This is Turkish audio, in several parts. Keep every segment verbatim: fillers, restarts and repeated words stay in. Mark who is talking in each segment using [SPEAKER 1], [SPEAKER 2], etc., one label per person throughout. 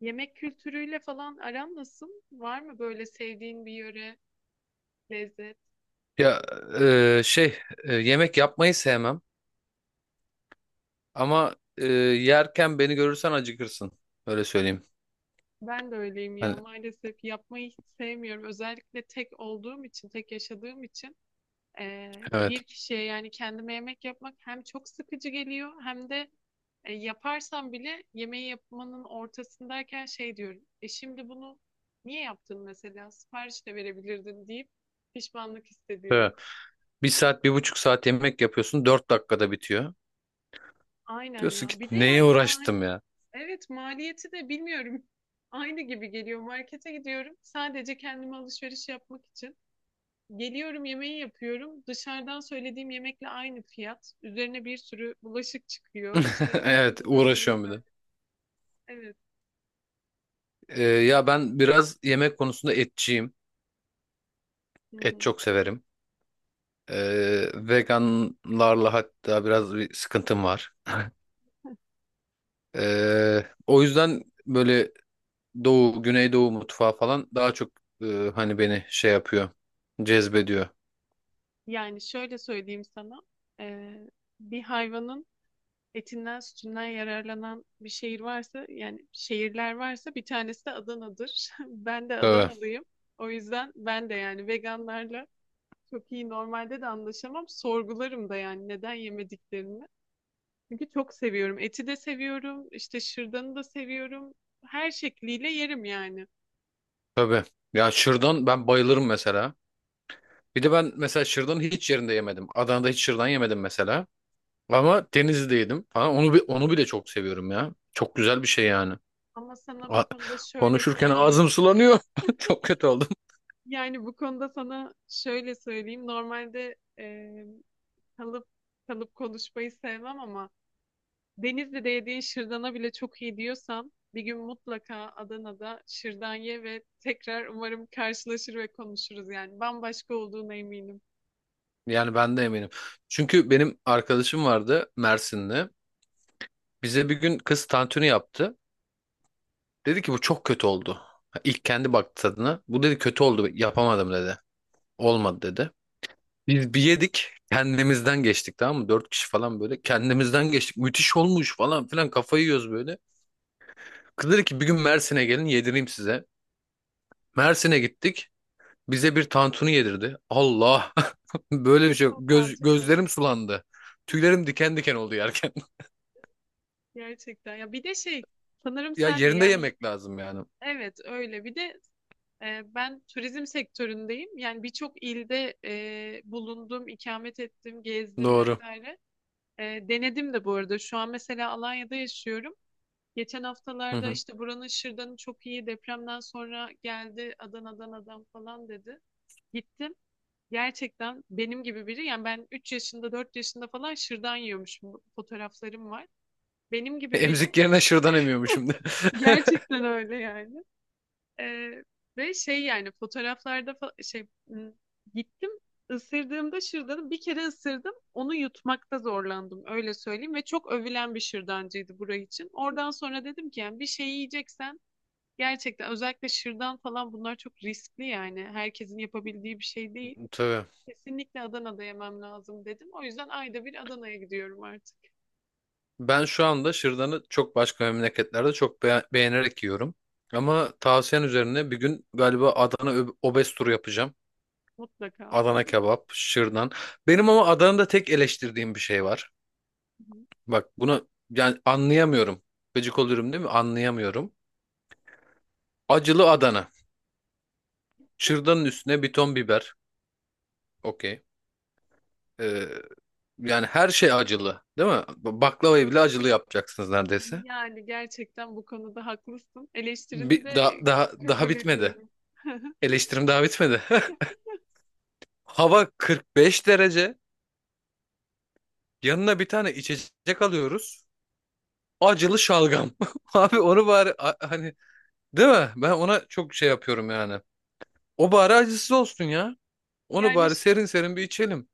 [SPEAKER 1] Yemek kültürüyle falan aran nasıl? Var mı böyle sevdiğin bir yöre, lezzet?
[SPEAKER 2] Ya e, şey e, yemek yapmayı sevmem ama e, yerken beni görürsen acıkırsın. Öyle söyleyeyim.
[SPEAKER 1] Ben de öyleyim ya,
[SPEAKER 2] Hani,
[SPEAKER 1] maalesef yapmayı hiç sevmiyorum. Özellikle tek olduğum için, tek yaşadığım için eee,
[SPEAKER 2] evet.
[SPEAKER 1] bir kişiye yani kendime yemek yapmak hem çok sıkıcı geliyor hem de e, yaparsam bile yemeği yapmanın ortasındayken şey diyorum. E şimdi bunu niye yaptın mesela? Sipariş de verebilirdin deyip pişmanlık hissediyorum.
[SPEAKER 2] Evet. Bir saat bir buçuk saat yemek yapıyorsun, dört dakikada bitiyor.
[SPEAKER 1] Aynen
[SPEAKER 2] Diyorsun ki
[SPEAKER 1] ya. Bir de
[SPEAKER 2] neye
[SPEAKER 1] yani
[SPEAKER 2] uğraştım ya.
[SPEAKER 1] evet, maliyeti de bilmiyorum. Aynı gibi geliyor. Markete gidiyorum sadece kendime alışveriş yapmak için. Geliyorum, yemeği yapıyorum. Dışarıdan söylediğim yemekle aynı fiyat. Üzerine bir sürü bulaşık çıkıyor. İşte
[SPEAKER 2] Evet,
[SPEAKER 1] sıkılıyorum
[SPEAKER 2] uğraşıyorum bir
[SPEAKER 1] vesaire.
[SPEAKER 2] de.
[SPEAKER 1] Evet.
[SPEAKER 2] E, ya ben biraz yemek konusunda etçiyim.
[SPEAKER 1] Hı
[SPEAKER 2] Et
[SPEAKER 1] hı.
[SPEAKER 2] çok severim. E, Veganlarla hatta biraz bir sıkıntım var. E, o yüzden böyle Doğu, Güneydoğu mutfağı falan daha çok, e, hani beni şey yapıyor, cezbediyor.
[SPEAKER 1] Yani şöyle söyleyeyim sana. Ee, bir hayvanın etinden sütünden yararlanan bir şehir varsa, yani şehirler varsa, bir tanesi de Adana'dır. Ben de
[SPEAKER 2] Tabii,
[SPEAKER 1] Adanalıyım. O yüzden ben de yani veganlarla çok iyi normalde de anlaşamam. Sorgularım da yani neden yemediklerini. Çünkü çok seviyorum. Eti de seviyorum. İşte şırdanı da seviyorum. Her şekliyle yerim yani.
[SPEAKER 2] tabii. Ya, şırdan ben bayılırım mesela. Bir de ben mesela şırdanı hiç yerinde yemedim. Adana'da hiç şırdan yemedim mesela. Ama Denizli'de yedim falan. Onu, bi- onu bile çok seviyorum ya. Çok güzel bir şey yani.
[SPEAKER 1] Ama sana
[SPEAKER 2] A-
[SPEAKER 1] bu konuda şöyle
[SPEAKER 2] Konuşurken ağzım
[SPEAKER 1] söyleyeyim.
[SPEAKER 2] sulanıyor. Çok kötü oldum.
[SPEAKER 1] Yani bu konuda sana şöyle söyleyeyim. Normalde e, kalıp kalıp konuşmayı sevmem ama Denizli'de yediğin şırdana bile çok iyi diyorsan bir gün mutlaka Adana'da şırdan ye ve tekrar umarım karşılaşır ve konuşuruz yani. Bambaşka olduğuna eminim.
[SPEAKER 2] Yani ben de eminim. Çünkü benim arkadaşım vardı Mersin'de. Bize bir gün kız tantuni yaptı. Dedi ki bu çok kötü oldu. Ha, İlk kendi baktı tadına. Bu dedi kötü oldu, yapamadım dedi. Olmadı dedi. Biz bir yedik, kendimizden geçtik, tamam mı? Dört kişi falan böyle kendimizden geçtik. Müthiş olmuş falan filan, kafayı yiyoruz böyle. Kız dedi ki bir gün Mersin'e gelin yedireyim size. Mersin'e gittik. Bize bir tantuni yedirdi. Allah, böyle bir şey yok.
[SPEAKER 1] Çok
[SPEAKER 2] Göz, gözlerim
[SPEAKER 1] utanmıyoruz.
[SPEAKER 2] sulandı. Tüylerim diken diken oldu yerken.
[SPEAKER 1] Gerçekten. Ya bir de şey, sanırım
[SPEAKER 2] Ya,
[SPEAKER 1] sen de
[SPEAKER 2] yerinde
[SPEAKER 1] yani
[SPEAKER 2] yemek lazım yani.
[SPEAKER 1] evet öyle. Bir de e, ben turizm sektöründeyim. Yani birçok ilde e, bulundum, ikamet ettim, gezdim
[SPEAKER 2] Doğru.
[SPEAKER 1] vesaire. E, denedim de bu arada. Şu an mesela Alanya'da yaşıyorum. Geçen
[SPEAKER 2] Hı
[SPEAKER 1] haftalarda
[SPEAKER 2] hı.
[SPEAKER 1] işte buranın şırdanı çok iyi, depremden sonra geldi Adana'dan adam falan dedi. Gittim. Gerçekten benim gibi biri, yani ben üç yaşında dört yaşında falan şırdan yiyormuşum. Fotoğraflarım var. Benim gibi biri.
[SPEAKER 2] Emzik yerine şırdan emiyormuşum şimdi.
[SPEAKER 1] Gerçekten öyle yani. Ee, ve şey, yani fotoğraflarda fa- şey m, gittim, ısırdığımda şırdanı bir kere ısırdım. Onu yutmakta zorlandım, öyle söyleyeyim, ve çok övülen bir şırdancıydı burayı için. Oradan sonra dedim ki yani bir şey yiyeceksen gerçekten, özellikle şırdan falan, bunlar çok riskli yani. Herkesin yapabildiği bir şey değil.
[SPEAKER 2] Tabii.
[SPEAKER 1] Kesinlikle Adana'da yemem lazım dedim. O yüzden ayda bir Adana'ya gidiyorum artık
[SPEAKER 2] Ben şu anda şırdanı çok başka memleketlerde çok be- beğenerek yiyorum. Ama tavsiyen üzerine bir gün galiba Adana ö- obez turu yapacağım.
[SPEAKER 1] mutlaka.
[SPEAKER 2] Adana kebap, şırdan. Benim ama Adana'da tek eleştirdiğim bir şey var. Bak, bunu yani anlayamıyorum. Gıcık olurum, değil mi? Anlayamıyorum. Acılı Adana. Şırdanın üstüne bir ton biber. Okey. Ee, Yani her şey acılı, değil mi? Baklavayı bile acılı yapacaksınız neredeyse.
[SPEAKER 1] Yani gerçekten bu konuda haklısın. Eleştirini
[SPEAKER 2] Bir, daha,
[SPEAKER 1] de
[SPEAKER 2] daha, daha
[SPEAKER 1] kabul
[SPEAKER 2] bitmedi.
[SPEAKER 1] ediyorum.
[SPEAKER 2] Eleştirim daha bitmedi. Hava kırk beş derece. Yanına bir tane içecek alıyoruz. Acılı şalgam. Abi, onu bari a- hani, değil mi? Ben ona çok şey yapıyorum yani. O bari acısız olsun ya. Onu
[SPEAKER 1] Yani
[SPEAKER 2] bari
[SPEAKER 1] ş-
[SPEAKER 2] serin serin bir içelim.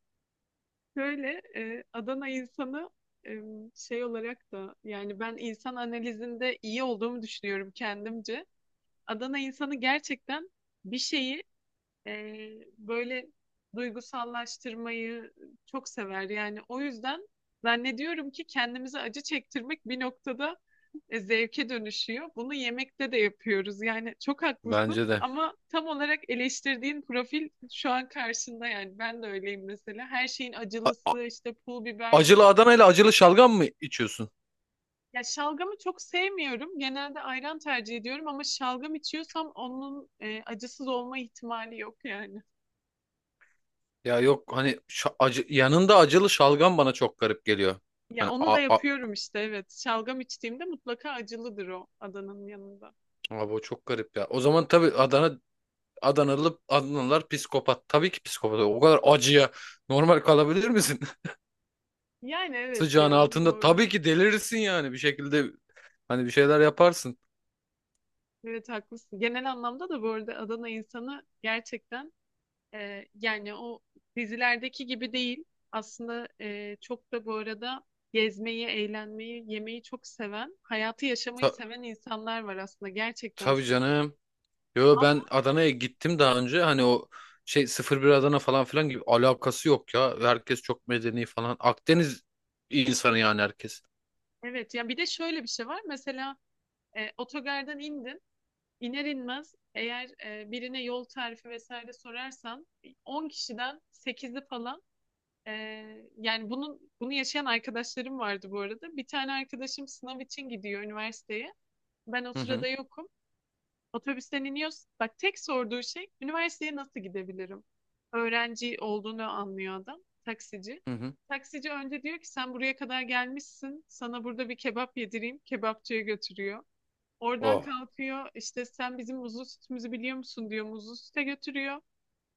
[SPEAKER 1] Şöyle e, Adana insanı e, şey olarak da, yani ben insan analizinde iyi olduğumu düşünüyorum kendimce. Adana insanı gerçekten bir şeyi, Ee, böyle duygusallaştırmayı çok sever. Yani o yüzden zannediyorum ki kendimize acı çektirmek bir noktada e, zevke dönüşüyor. Bunu yemekte de yapıyoruz. Yani çok haklısın
[SPEAKER 2] Bence de.
[SPEAKER 1] ama tam olarak eleştirdiğin profil şu an karşında yani. Ben de öyleyim mesela. Her şeyin
[SPEAKER 2] A- a-
[SPEAKER 1] acılısı, işte pul biberlisi.
[SPEAKER 2] Acılı Adana ile acılı şalgam mı içiyorsun?
[SPEAKER 1] Ya şalgamı çok sevmiyorum. Genelde ayran tercih ediyorum ama şalgam içiyorsam onun e, acısız olma ihtimali yok yani.
[SPEAKER 2] Ya yok, hani şa- acı yanında acılı şalgam bana çok garip geliyor.
[SPEAKER 1] Ya
[SPEAKER 2] Hani
[SPEAKER 1] onu
[SPEAKER 2] a,
[SPEAKER 1] da
[SPEAKER 2] a-
[SPEAKER 1] yapıyorum işte, evet. Şalgam içtiğimde mutlaka acılıdır, o Adana'nın yanında.
[SPEAKER 2] abi o çok garip ya. O zaman tabii Adana Adanalı Adanalılar psikopat. Tabii ki psikopat. O kadar acıya normal kalabilir misin?
[SPEAKER 1] Yani evet
[SPEAKER 2] Sıcağın
[SPEAKER 1] ya,
[SPEAKER 2] altında tabii
[SPEAKER 1] doğru.
[SPEAKER 2] ki delirirsin yani, bir şekilde hani bir şeyler yaparsın.
[SPEAKER 1] Evet haklısın. Genel anlamda da bu arada Adana insanı gerçekten, e, yani o dizilerdeki gibi değil. Aslında e, çok da bu arada gezmeyi, eğlenmeyi, yemeyi çok seven, hayatı yaşamayı
[SPEAKER 2] Ta
[SPEAKER 1] seven insanlar var aslında, gerçekten
[SPEAKER 2] tabii
[SPEAKER 1] söylüyorum.
[SPEAKER 2] canım. Yo,
[SPEAKER 1] Ama
[SPEAKER 2] ben Adana'ya gittim daha önce, hani o şey sıfır bir Adana falan filan gibi alakası yok ya. Herkes çok medeni falan. Akdeniz insanı yani, herkes.
[SPEAKER 1] evet ya, bir de şöyle bir şey var. Mesela e, otogardan indin. İner inmez eğer e, birine yol tarifi vesaire sorarsan on kişiden sekizi falan, e, yani bunun bunu yaşayan arkadaşlarım vardı bu arada. Bir tane arkadaşım sınav için gidiyor üniversiteye. Ben o
[SPEAKER 2] Hı hı,
[SPEAKER 1] sırada yokum. Otobüsten iniyoruz. Bak, tek sorduğu şey üniversiteye nasıl gidebilirim? Öğrenci olduğunu anlıyor adam. Taksici.
[SPEAKER 2] hı hı.
[SPEAKER 1] Taksici önce diyor ki sen buraya kadar gelmişsin, sana burada bir kebap yedireyim. Kebapçıya götürüyor. Oradan
[SPEAKER 2] Oh.
[SPEAKER 1] kalkıyor, işte sen bizim muzlu sütümüzü biliyor musun diyor, muzlu süte götürüyor.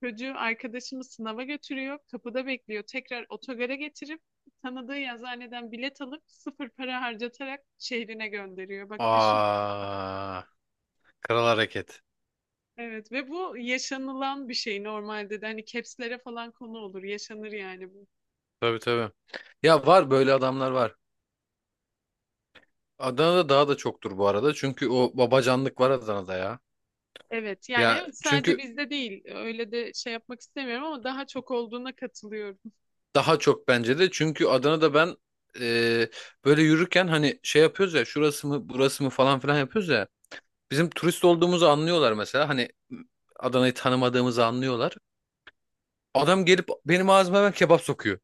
[SPEAKER 1] Çocuğu, arkadaşımı sınava götürüyor. Kapıda bekliyor. Tekrar otogara getirip tanıdığı yazıhaneden bilet alıp sıfır para harcatarak şehrine gönderiyor. Bak, düşün yani.
[SPEAKER 2] Aa, kral hareket.
[SPEAKER 1] Evet, ve bu yaşanılan bir şey normalde de, hani capslere falan konu olur. Yaşanır yani bu.
[SPEAKER 2] Tabii, tabii. Ya, var böyle adamlar var. Adana'da daha da çoktur bu arada. Çünkü o babacanlık var Adana'da ya.
[SPEAKER 1] Evet yani
[SPEAKER 2] Ya
[SPEAKER 1] evet, sadece
[SPEAKER 2] çünkü
[SPEAKER 1] bizde değil. Öyle de şey yapmak istemiyorum ama daha çok olduğuna katılıyorum.
[SPEAKER 2] daha çok bence de, çünkü Adana'da ben, e, böyle yürürken hani şey yapıyoruz ya, şurası mı burası mı falan filan yapıyoruz ya. Bizim turist olduğumuzu anlıyorlar mesela, hani Adana'yı tanımadığımızı anlıyorlar. Adam gelip benim ağzıma hemen kebap sokuyor.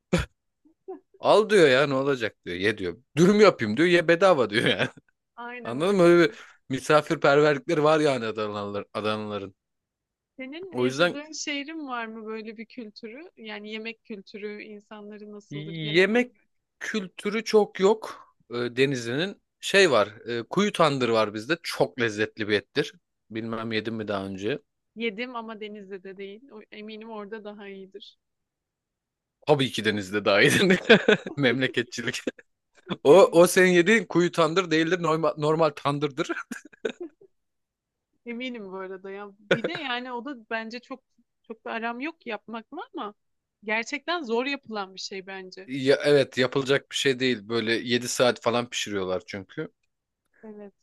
[SPEAKER 2] Al diyor ya, ne olacak diyor, ye diyor. Dürüm yapayım diyor, ye bedava diyor yani.
[SPEAKER 1] Aynen
[SPEAKER 2] Anladın mı?
[SPEAKER 1] öyle.
[SPEAKER 2] Öyle bir misafirperverlikleri var yani, Adanalılar, Adanalıların.
[SPEAKER 1] Senin
[SPEAKER 2] O yüzden
[SPEAKER 1] yaşadığın şehrin var mı böyle bir kültürü? Yani yemek kültürü, insanları nasıldır genel
[SPEAKER 2] yemek
[SPEAKER 1] olarak?
[SPEAKER 2] kültürü çok yok, e, Denizli'nin. Şey var, e, kuyu tandır var bizde. Çok lezzetli bir ettir. Bilmem yedim mi daha önce.
[SPEAKER 1] Yedim ama Denizli'de değil. O- eminim orada daha iyidir.
[SPEAKER 2] Tabii ki Denizli'de daha yedim. Memleketçilik. O,
[SPEAKER 1] Evet.
[SPEAKER 2] o senin yediğin kuyu tandır değildir. Normal, normal tandırdır.
[SPEAKER 1] Eminim bu arada ya. Bir de yani o da bence çok, çok da aram yok yapmakla ama gerçekten zor yapılan bir şey bence.
[SPEAKER 2] Ya, evet, yapılacak bir şey değil. Böyle yedi saat falan pişiriyorlar çünkü.
[SPEAKER 1] Evet.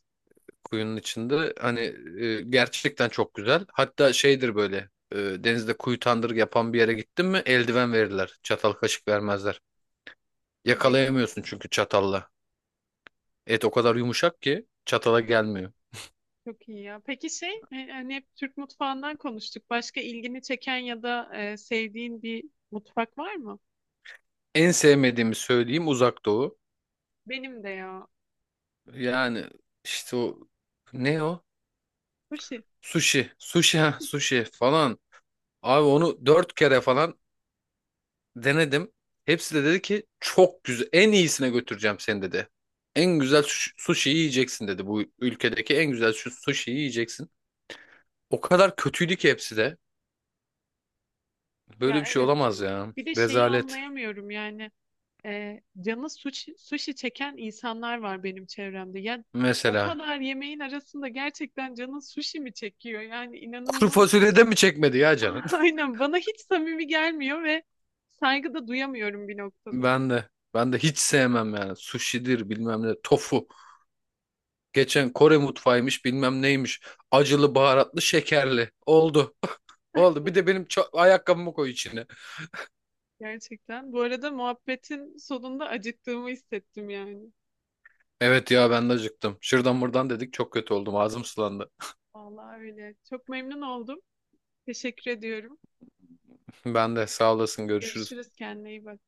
[SPEAKER 2] Kuyunun içinde. Hani, e, gerçekten çok güzel. Hatta şeydir böyle. e, Denizde kuyu tandır yapan bir yere gittin mi eldiven verirler. Çatal kaşık vermezler.
[SPEAKER 1] Hadi ya.
[SPEAKER 2] Yakalayamıyorsun çünkü çatalla. Et o kadar yumuşak ki çatala gelmiyor.
[SPEAKER 1] Çok iyi ya. Peki şey, e, hani hep Türk mutfağından konuştuk. Başka ilgini çeken ya da e, sevdiğin bir mutfak var mı?
[SPEAKER 2] En sevmediğimi söyleyeyim, Uzak Doğu.
[SPEAKER 1] Benim de ya.
[SPEAKER 2] Yani işte o, ne o?
[SPEAKER 1] Sushi.
[SPEAKER 2] Sushi. Sushi, ha, sushi falan. Abi onu dört kere falan denedim. Hepsi de dedi ki çok güzel. En iyisine götüreceğim seni dedi. En güzel sushi sushi yiyeceksin dedi. Bu ülkedeki en güzel şu sushi yiyeceksin. O kadar kötüydü ki hepsi de. Böyle
[SPEAKER 1] Ya
[SPEAKER 2] bir şey
[SPEAKER 1] evet ya.
[SPEAKER 2] olamaz ya.
[SPEAKER 1] Bir de şeyi
[SPEAKER 2] Rezalet.
[SPEAKER 1] anlayamıyorum yani, e, canı sushi, sushi çeken insanlar var benim çevremde. Yani o
[SPEAKER 2] Mesela.
[SPEAKER 1] kadar yemeğin arasında gerçekten canın sushi mi çekiyor? Yani
[SPEAKER 2] Kuru
[SPEAKER 1] inanılmaz.
[SPEAKER 2] fasulyede mi çekmedi ya canın?
[SPEAKER 1] Aynen, bana hiç samimi gelmiyor ve saygı da duyamıyorum bir noktada.
[SPEAKER 2] Ben de. Ben de hiç sevmem yani. Sushi'dir bilmem ne. Tofu. Geçen Kore mutfağıymış bilmem neymiş. Acılı, baharatlı, şekerli. Oldu. Oldu. Bir de benim ça- ayakkabımı koy içine.
[SPEAKER 1] Gerçekten. Bu arada muhabbetin sonunda acıktığımı hissettim yani.
[SPEAKER 2] Evet ya, ben de acıktım. Şuradan buradan dedik, çok kötü oldum. Ağzım sulandı.
[SPEAKER 1] Vallahi öyle. Çok memnun oldum. Teşekkür ediyorum.
[SPEAKER 2] Ben de, sağ olasın. Görüşürüz.
[SPEAKER 1] Görüşürüz. Kendine iyi bak.